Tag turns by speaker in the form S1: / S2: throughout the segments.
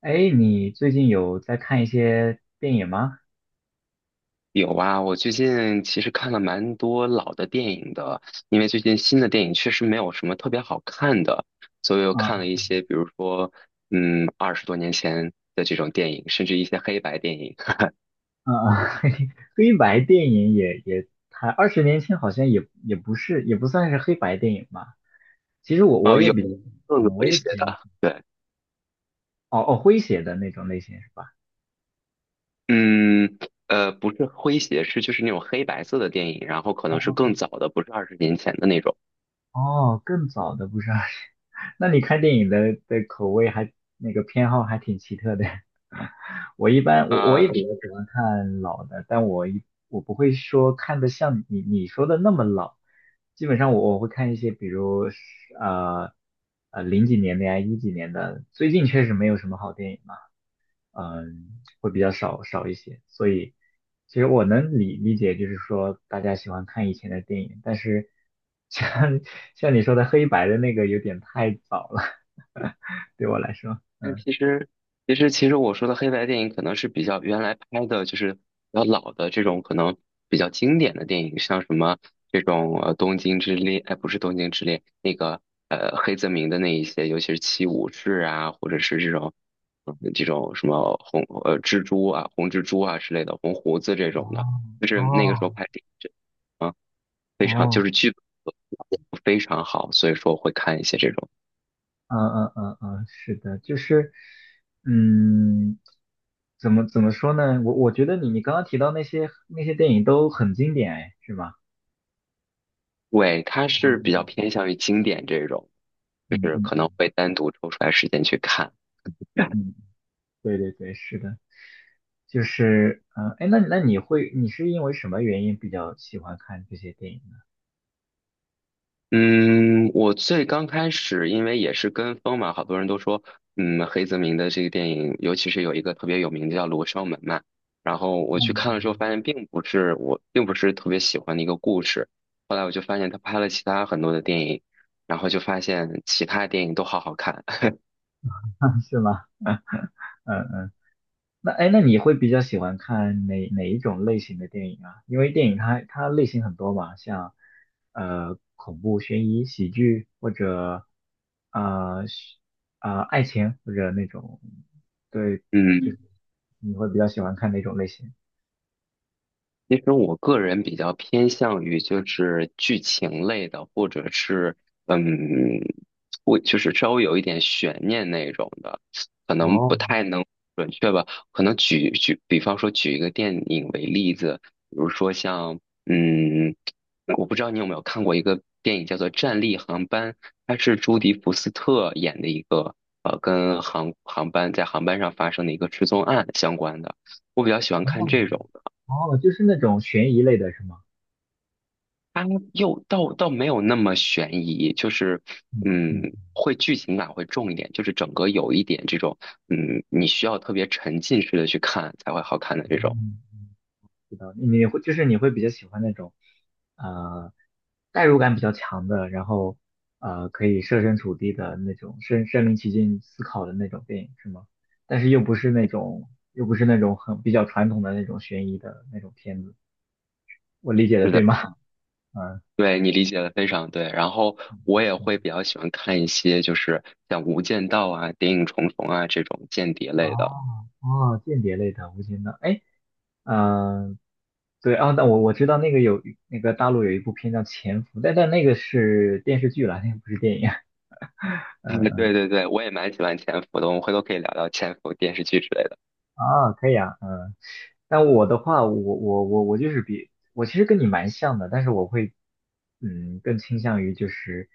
S1: 哎，你最近有在看一些电影吗？
S2: 有啊，我最近其实看了蛮多老的电影的，因为最近新的电影确实没有什么特别好看的，所以我看了
S1: 啊
S2: 一些，比如说，二十多年前的这种电影，甚至一些黑白电影，
S1: 啊，啊黑白电影也，它二十年前好像也不是，也不算是黑白电影吧。其实我
S2: 哦，
S1: 也
S2: 有
S1: 比，
S2: 更有
S1: 嗯，我
S2: 一
S1: 也
S2: 些
S1: 比较，
S2: 的，对，
S1: 哦哦，诙谐的那种类型是吧？
S2: 嗯，不是诙谐，是就是那种黑白色的电影，然后可
S1: 哦
S2: 能是更
S1: 哦
S2: 早的，不是二十年前的那种。
S1: 哦，更早的不是。 那你看电影的口味还那个偏好还挺奇特的。我一般我也比较喜欢看老的，但我一我不会说看的像你说的那么老，基本上我会看一些，比如是呃零几年的呀，一几年的，最近确实没有什么好电影，了。嗯，会比较少一些。所以，其实我能理解，就是说大家喜欢看以前的电影，但是像 像你说的黑白的那个有点太早了，对我来说。
S2: 但其实，其实，其实我说的黑白电影可能是比较原来拍的，就是比较老的这种，可能比较经典的电影，像什么这种《东京之恋》，哎，不是《东京之恋》，那个黑泽明的那一些，尤其是《七武士》啊，或者是这种这种什么蜘蛛啊、红蜘蛛啊之类的，红胡子这种的，就是那个时
S1: 哦
S2: 候拍的，这啊
S1: 哦，
S2: 非常好，所以说会看一些这种。
S1: 嗯，是的，就是，嗯，怎么说呢？我觉得你刚刚提到那些电影都很经典，哎，是吗？
S2: 对，它是比较
S1: 嗯
S2: 偏向于经典这种，就
S1: 嗯
S2: 是
S1: 嗯
S2: 可能
S1: 嗯。
S2: 会单独抽出来时间去看。
S1: 对对对，是的，就是嗯哎，那你会你是因为什么原因比较喜欢看这些电影呢？
S2: 嗯，我最刚开始，因为也是跟风嘛，好多人都说，嗯，黑泽明的这个电影，尤其是有一个特别有名的叫《罗生门》嘛，然后我去
S1: 嗯。
S2: 看了之后，发现并不是特别喜欢的一个故事。后来我就发现他拍了其他很多的电影，然后就发现其他电影都好好看。
S1: 嗯，是吗？嗯嗯。那哎，那你会比较喜欢看哪一种类型的电影啊？因为电影它类型很多嘛，像恐怖、悬疑、喜剧或者呃是爱情或者那种，对，就
S2: 嗯。
S1: 是你会比较喜欢看哪种类型？
S2: 其实我个人比较偏向于就是剧情类的，或者是嗯，会就是稍微有一点悬念那种的，可能不
S1: 哦
S2: 太能准确吧。可能比方说举一个电影为例子，比如说像嗯，我不知道你有没有看过一个电影叫做《战栗航班》，它是朱迪福斯特演的一个跟航班在航班上发生的一个失踪案相关的。我比较喜欢看
S1: 哦
S2: 这种。
S1: 哦，就是那种悬疑类的是吗？
S2: 它又倒没有那么悬疑，就是
S1: 嗯嗯
S2: 会剧情感会重一点，就是整个有一点这种你需要特别沉浸式的去看才会好看的这种。
S1: 嗯，知道。你会就是你会比较喜欢那种呃代入感比较强的，然后可以设身处地的那种身临其境思考的那种电影是吗？但是又不是那种又不是那种很比较传统的那种悬疑的那种片子，我理解的
S2: 是
S1: 对
S2: 的，
S1: 吗？嗯。
S2: 对你理解的非常对。然后我也会比较喜欢看一些就是像《无间道》啊、《谍影重重》啊这种间谍类的
S1: 哦哦，间谍类的无间道，哎，嗯、对啊，那我知道那个有那个大陆有一部片叫《潜伏》，但那个是电视剧了，那个不是电影。
S2: 嗯，对对对，我也蛮喜欢潜伏的，我们回头可以聊聊潜伏电视剧之类的。
S1: 啊，可以啊，嗯。但我的话，我就是比我其实跟你蛮像的，但是我会，嗯，更倾向于就是，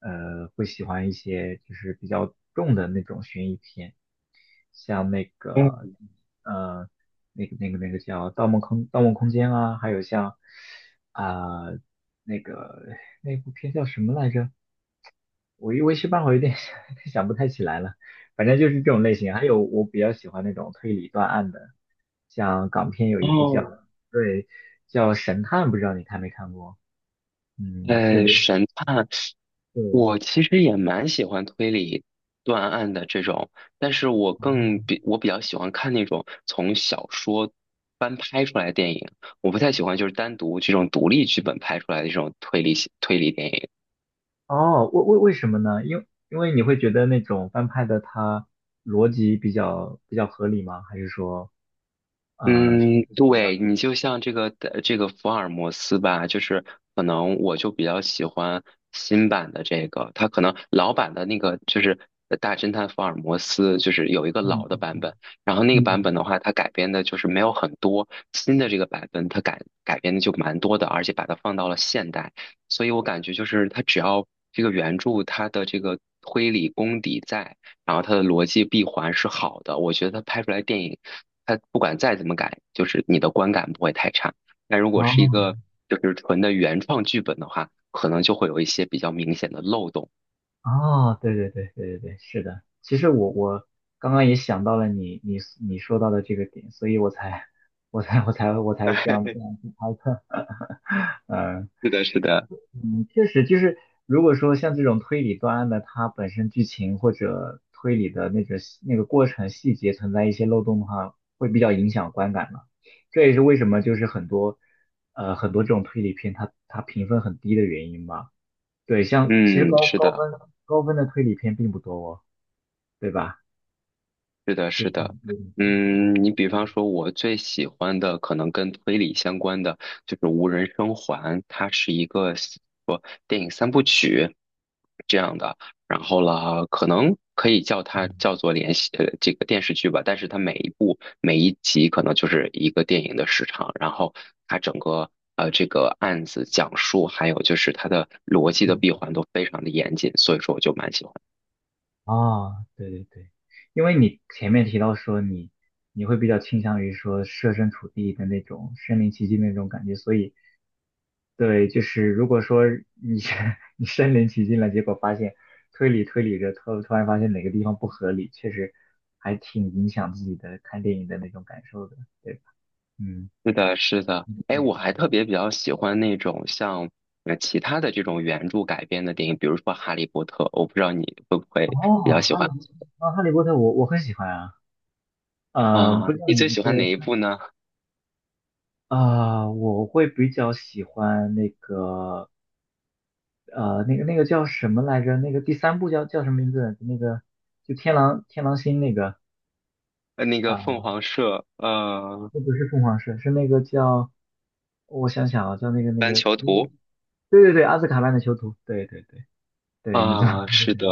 S1: 会喜欢一些就是比较重的那种悬疑片，像那个，
S2: 嗯，
S1: 呃，那个那个那个叫《盗梦空间》啊，还有像啊、那个那部片叫什么来着？我一我一时半会儿有点想 想不太起来了，反正就是这种类型。还有我比较喜欢那种推理断案的。像港片有一部叫
S2: 哦，
S1: 对叫《神探》，不知道你看没看过？嗯，是刘
S2: 神探
S1: 对
S2: 我其实也蛮喜欢推理断案的这种，但是
S1: 哦。
S2: 我比较喜欢看那种从小说翻拍出来的电影，我不太喜欢就是单独这种独立剧本拍出来的这种推理电影。
S1: 为什么呢？因为因为你会觉得那种翻拍的它逻辑比较合理吗？还是说呃
S2: 嗯，对，你就像这个这个福尔摩斯吧，就是可能我就比较喜欢新版的这个，它可能老版的那个就是大侦探福尔摩斯，就是有一个
S1: 嗯
S2: 老
S1: 嗯
S2: 的版
S1: 嗯
S2: 本，然后那
S1: 嗯
S2: 个版
S1: 嗯
S2: 本的话，它改编的就是没有很多，新的这个版本它改编的就蛮多的，而且把它放到了现代，所以我感觉就是它只要这个原著它的这个推理功底在。然后它的逻辑闭环是好的，我觉得它拍出来电影，它不管再怎么改，就是你的观感不会太差。但如果是一
S1: 哦
S2: 个就是纯的原创剧本的话，可能就会有一些比较明显的漏洞。
S1: 哦，对对对对对对，是的。其实我我刚刚也想到了你你你说到的这个点，所以我才我才我才我 才这
S2: 哎，
S1: 样这样去猜测，嗯、
S2: 是的，是的，
S1: 嗯，确实，就是如果说像这种推理断案的，它本身剧情或者推理的那个过程细节存在一些漏洞的话，会比较影响观感嘛。这也是为什么就是很多很多这种推理片它评分很低的原因吧。对，像其实
S2: 嗯，
S1: 高
S2: 是
S1: 高
S2: 的，
S1: 分高分的推理片并不多哦，对吧？
S2: 是的，
S1: 就
S2: 是的，
S1: 嗯对对对对
S2: 嗯，你比方说，我最喜欢的可能跟推理相关的就是《无人生还》，它是一个说电影三部曲这样的，然后啦，可能可以叫它叫做连续这个电视剧吧，但是它每一部每一集可能就是一个电影的时长，然后它整个这个案子讲述，还有就是它的逻辑的
S1: 嗯
S2: 闭环都非常的严谨，所以说我就蛮喜欢。
S1: 哦，对对对。因为你前面提到说你你会比较倾向于说设身处地的那种身临其境的那种感觉，所以对，就是如果说你 你身临其境了，结果发现推理着，突然发现哪个地方不合理，确实还挺影响自己的看电影的那种感受的，对吧？嗯。
S2: 是的，是的，哎，我还特别比较喜欢那种像其他的这种原著改编的电影，比如说《哈利波特》，我不知道你会不
S1: 哦，
S2: 会比较喜
S1: 哈利
S2: 欢
S1: 啊，哦哈利波特我很喜欢啊，不
S2: 啊？
S1: 像
S2: 你最喜
S1: 对。
S2: 欢哪一部呢？
S1: 啊、我会比较喜欢那个，那个那个叫什么来着？那个第三部叫叫什么名字？那个就天狼星那个
S2: 那个
S1: 啊，
S2: 凤凰社，
S1: 那不是凤凰社，是那个叫我想想啊，叫那个那
S2: 班
S1: 个
S2: 囚
S1: 那个，
S2: 徒
S1: 对对对，阿兹卡班的囚徒，对对对对，你知道
S2: 啊，
S1: 那个
S2: 是
S1: 什么
S2: 的，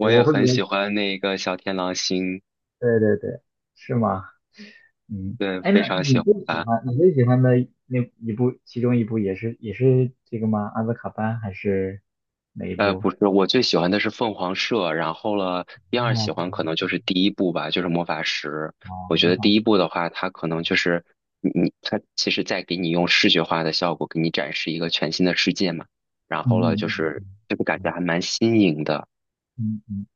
S1: 对。
S2: 也
S1: 我会比
S2: 很喜
S1: 较，
S2: 欢那个小天狼星，
S1: 对对对，是吗？嗯，
S2: 对，
S1: 哎，
S2: 非
S1: 那
S2: 常
S1: 你
S2: 喜欢。
S1: 最喜欢你最喜欢的那一部，其中一部也是也是这个吗？阿兹卡班还是哪一部？
S2: 不是，我最喜欢的是凤凰社，然后了，第二喜
S1: 哦，
S2: 欢可能就是第一部吧，就是魔法石。
S1: 哦，
S2: 我觉
S1: 模
S2: 得
S1: 仿，
S2: 第一部的话，它可能就是你它其实在给你用视觉化的效果给你展示一个全新的世界嘛。然
S1: 嗯
S2: 后了，
S1: 嗯
S2: 就
S1: 嗯
S2: 是
S1: 嗯
S2: 这个感觉还蛮新颖的。
S1: 嗯。嗯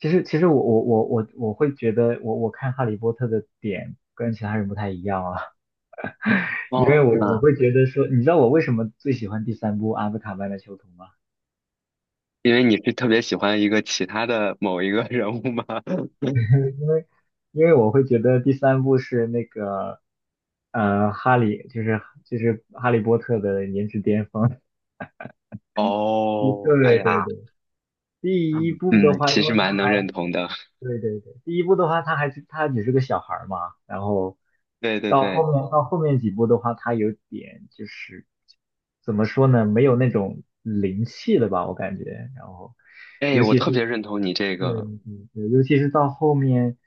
S1: 其实，其实我会觉得我，我看《哈利波特》的点跟其他人不太一样啊。因为
S2: 哦，
S1: 我
S2: 那
S1: 会觉得说，你知道我为什么最喜欢第三部《阿兹卡班的囚徒》吗？
S2: 因为你是特别喜欢一个其他的某一个人物吗？
S1: 因为因为我会觉得第三部是那个哈利，就是哈利波特的颜值巅峰。对
S2: 哦，哎
S1: 对
S2: 呀，
S1: 对，第一部的
S2: 嗯
S1: 话，因
S2: 其实
S1: 为它
S2: 蛮能认
S1: 还
S2: 同的。的。
S1: 对对对，第一部的话，他还是他只是个小孩儿嘛，然后
S2: 对对
S1: 到
S2: 对，
S1: 后面到后面几部的话，他有点就是怎么说呢，没有那种灵气了吧，我感觉。然后
S2: 对，哎，
S1: 尤
S2: 我
S1: 其
S2: 特
S1: 是
S2: 别认同你这
S1: 对
S2: 个，
S1: 对对，尤其是到后面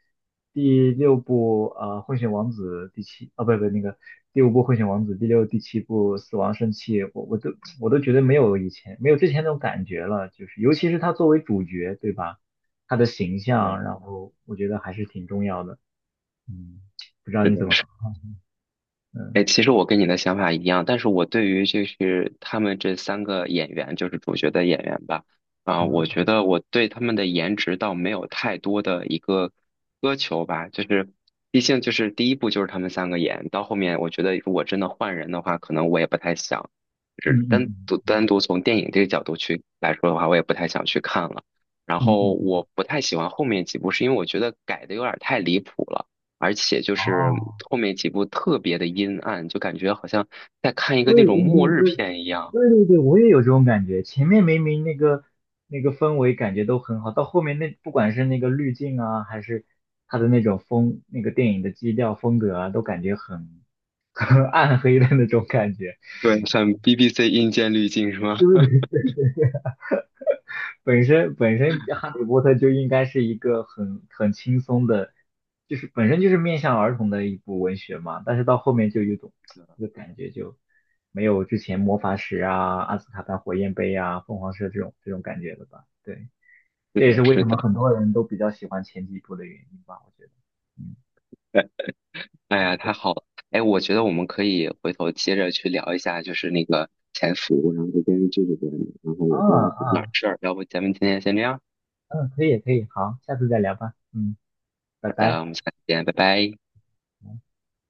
S1: 第六部《混血王子》第七啊，不不那个第五部《混血王子》第六、第七部《死亡圣器》，我都我都觉得没有以前没有之前那种感觉了，就是尤其是他作为主角，对吧？他的形象，然
S2: 对
S1: 后我觉得还是挺重要的。嗯，不知道
S2: 是
S1: 你
S2: 的
S1: 怎么看？
S2: 哎，
S1: 嗯
S2: 其实我跟你的想法一样，但是我对于就是他们这三个演员，就是主角的演员吧，啊、我觉
S1: 嗯
S2: 得我对他们的颜值倒没有太多的一个苛求吧，就是毕竟就是第一部就是他们三个演，到后面我觉得如果真的换人的话，可能我也不太想，就是
S1: 嗯嗯
S2: 单独从电影这个角度去来说的话，我也不太想去看了。然
S1: 嗯嗯
S2: 后
S1: 嗯嗯，
S2: 我不太喜欢后面几部，是因为我觉得改的有点太离谱了。而且就是
S1: 哦。
S2: 后面几部特别的阴暗，就感觉好像在
S1: 对对
S2: 看一个那种末日
S1: 对
S2: 片一样。
S1: 对对对，我也有这种感觉。前面明明那个那个氛围感觉都很好，到后面那不管是那个滤镜啊，还是它的那种风，那个电影的基调风格啊，都感觉很 很暗黑的那种感觉。
S2: 对，像 BBC 阴间滤镜是吗？
S1: 对不对？本身《哈利波特》就应该是一个很轻松的，就是本身就是面向儿童的一部文学嘛。但是到后面就有一种就 感觉就没有之前魔法石啊、阿斯卡班火焰杯啊、凤凰社这种感觉了吧？对。
S2: 是
S1: 这也是
S2: 的，
S1: 为
S2: 是
S1: 什么
S2: 的。
S1: 很多人都比较喜欢前几部的原因吧，我觉得。嗯。
S2: 哎呀，太好了！哎，我觉得我们可以回头接着去聊一下，就是那个潜伏，然后这边，然后
S1: 啊
S2: 我这边有点
S1: 啊，
S2: 事儿，要不咱们今天先这样？
S1: 嗯，可以可以，好，下次再聊吧。嗯，拜
S2: 好的，
S1: 拜。
S2: 我们下次见，拜拜。
S1: 嗯。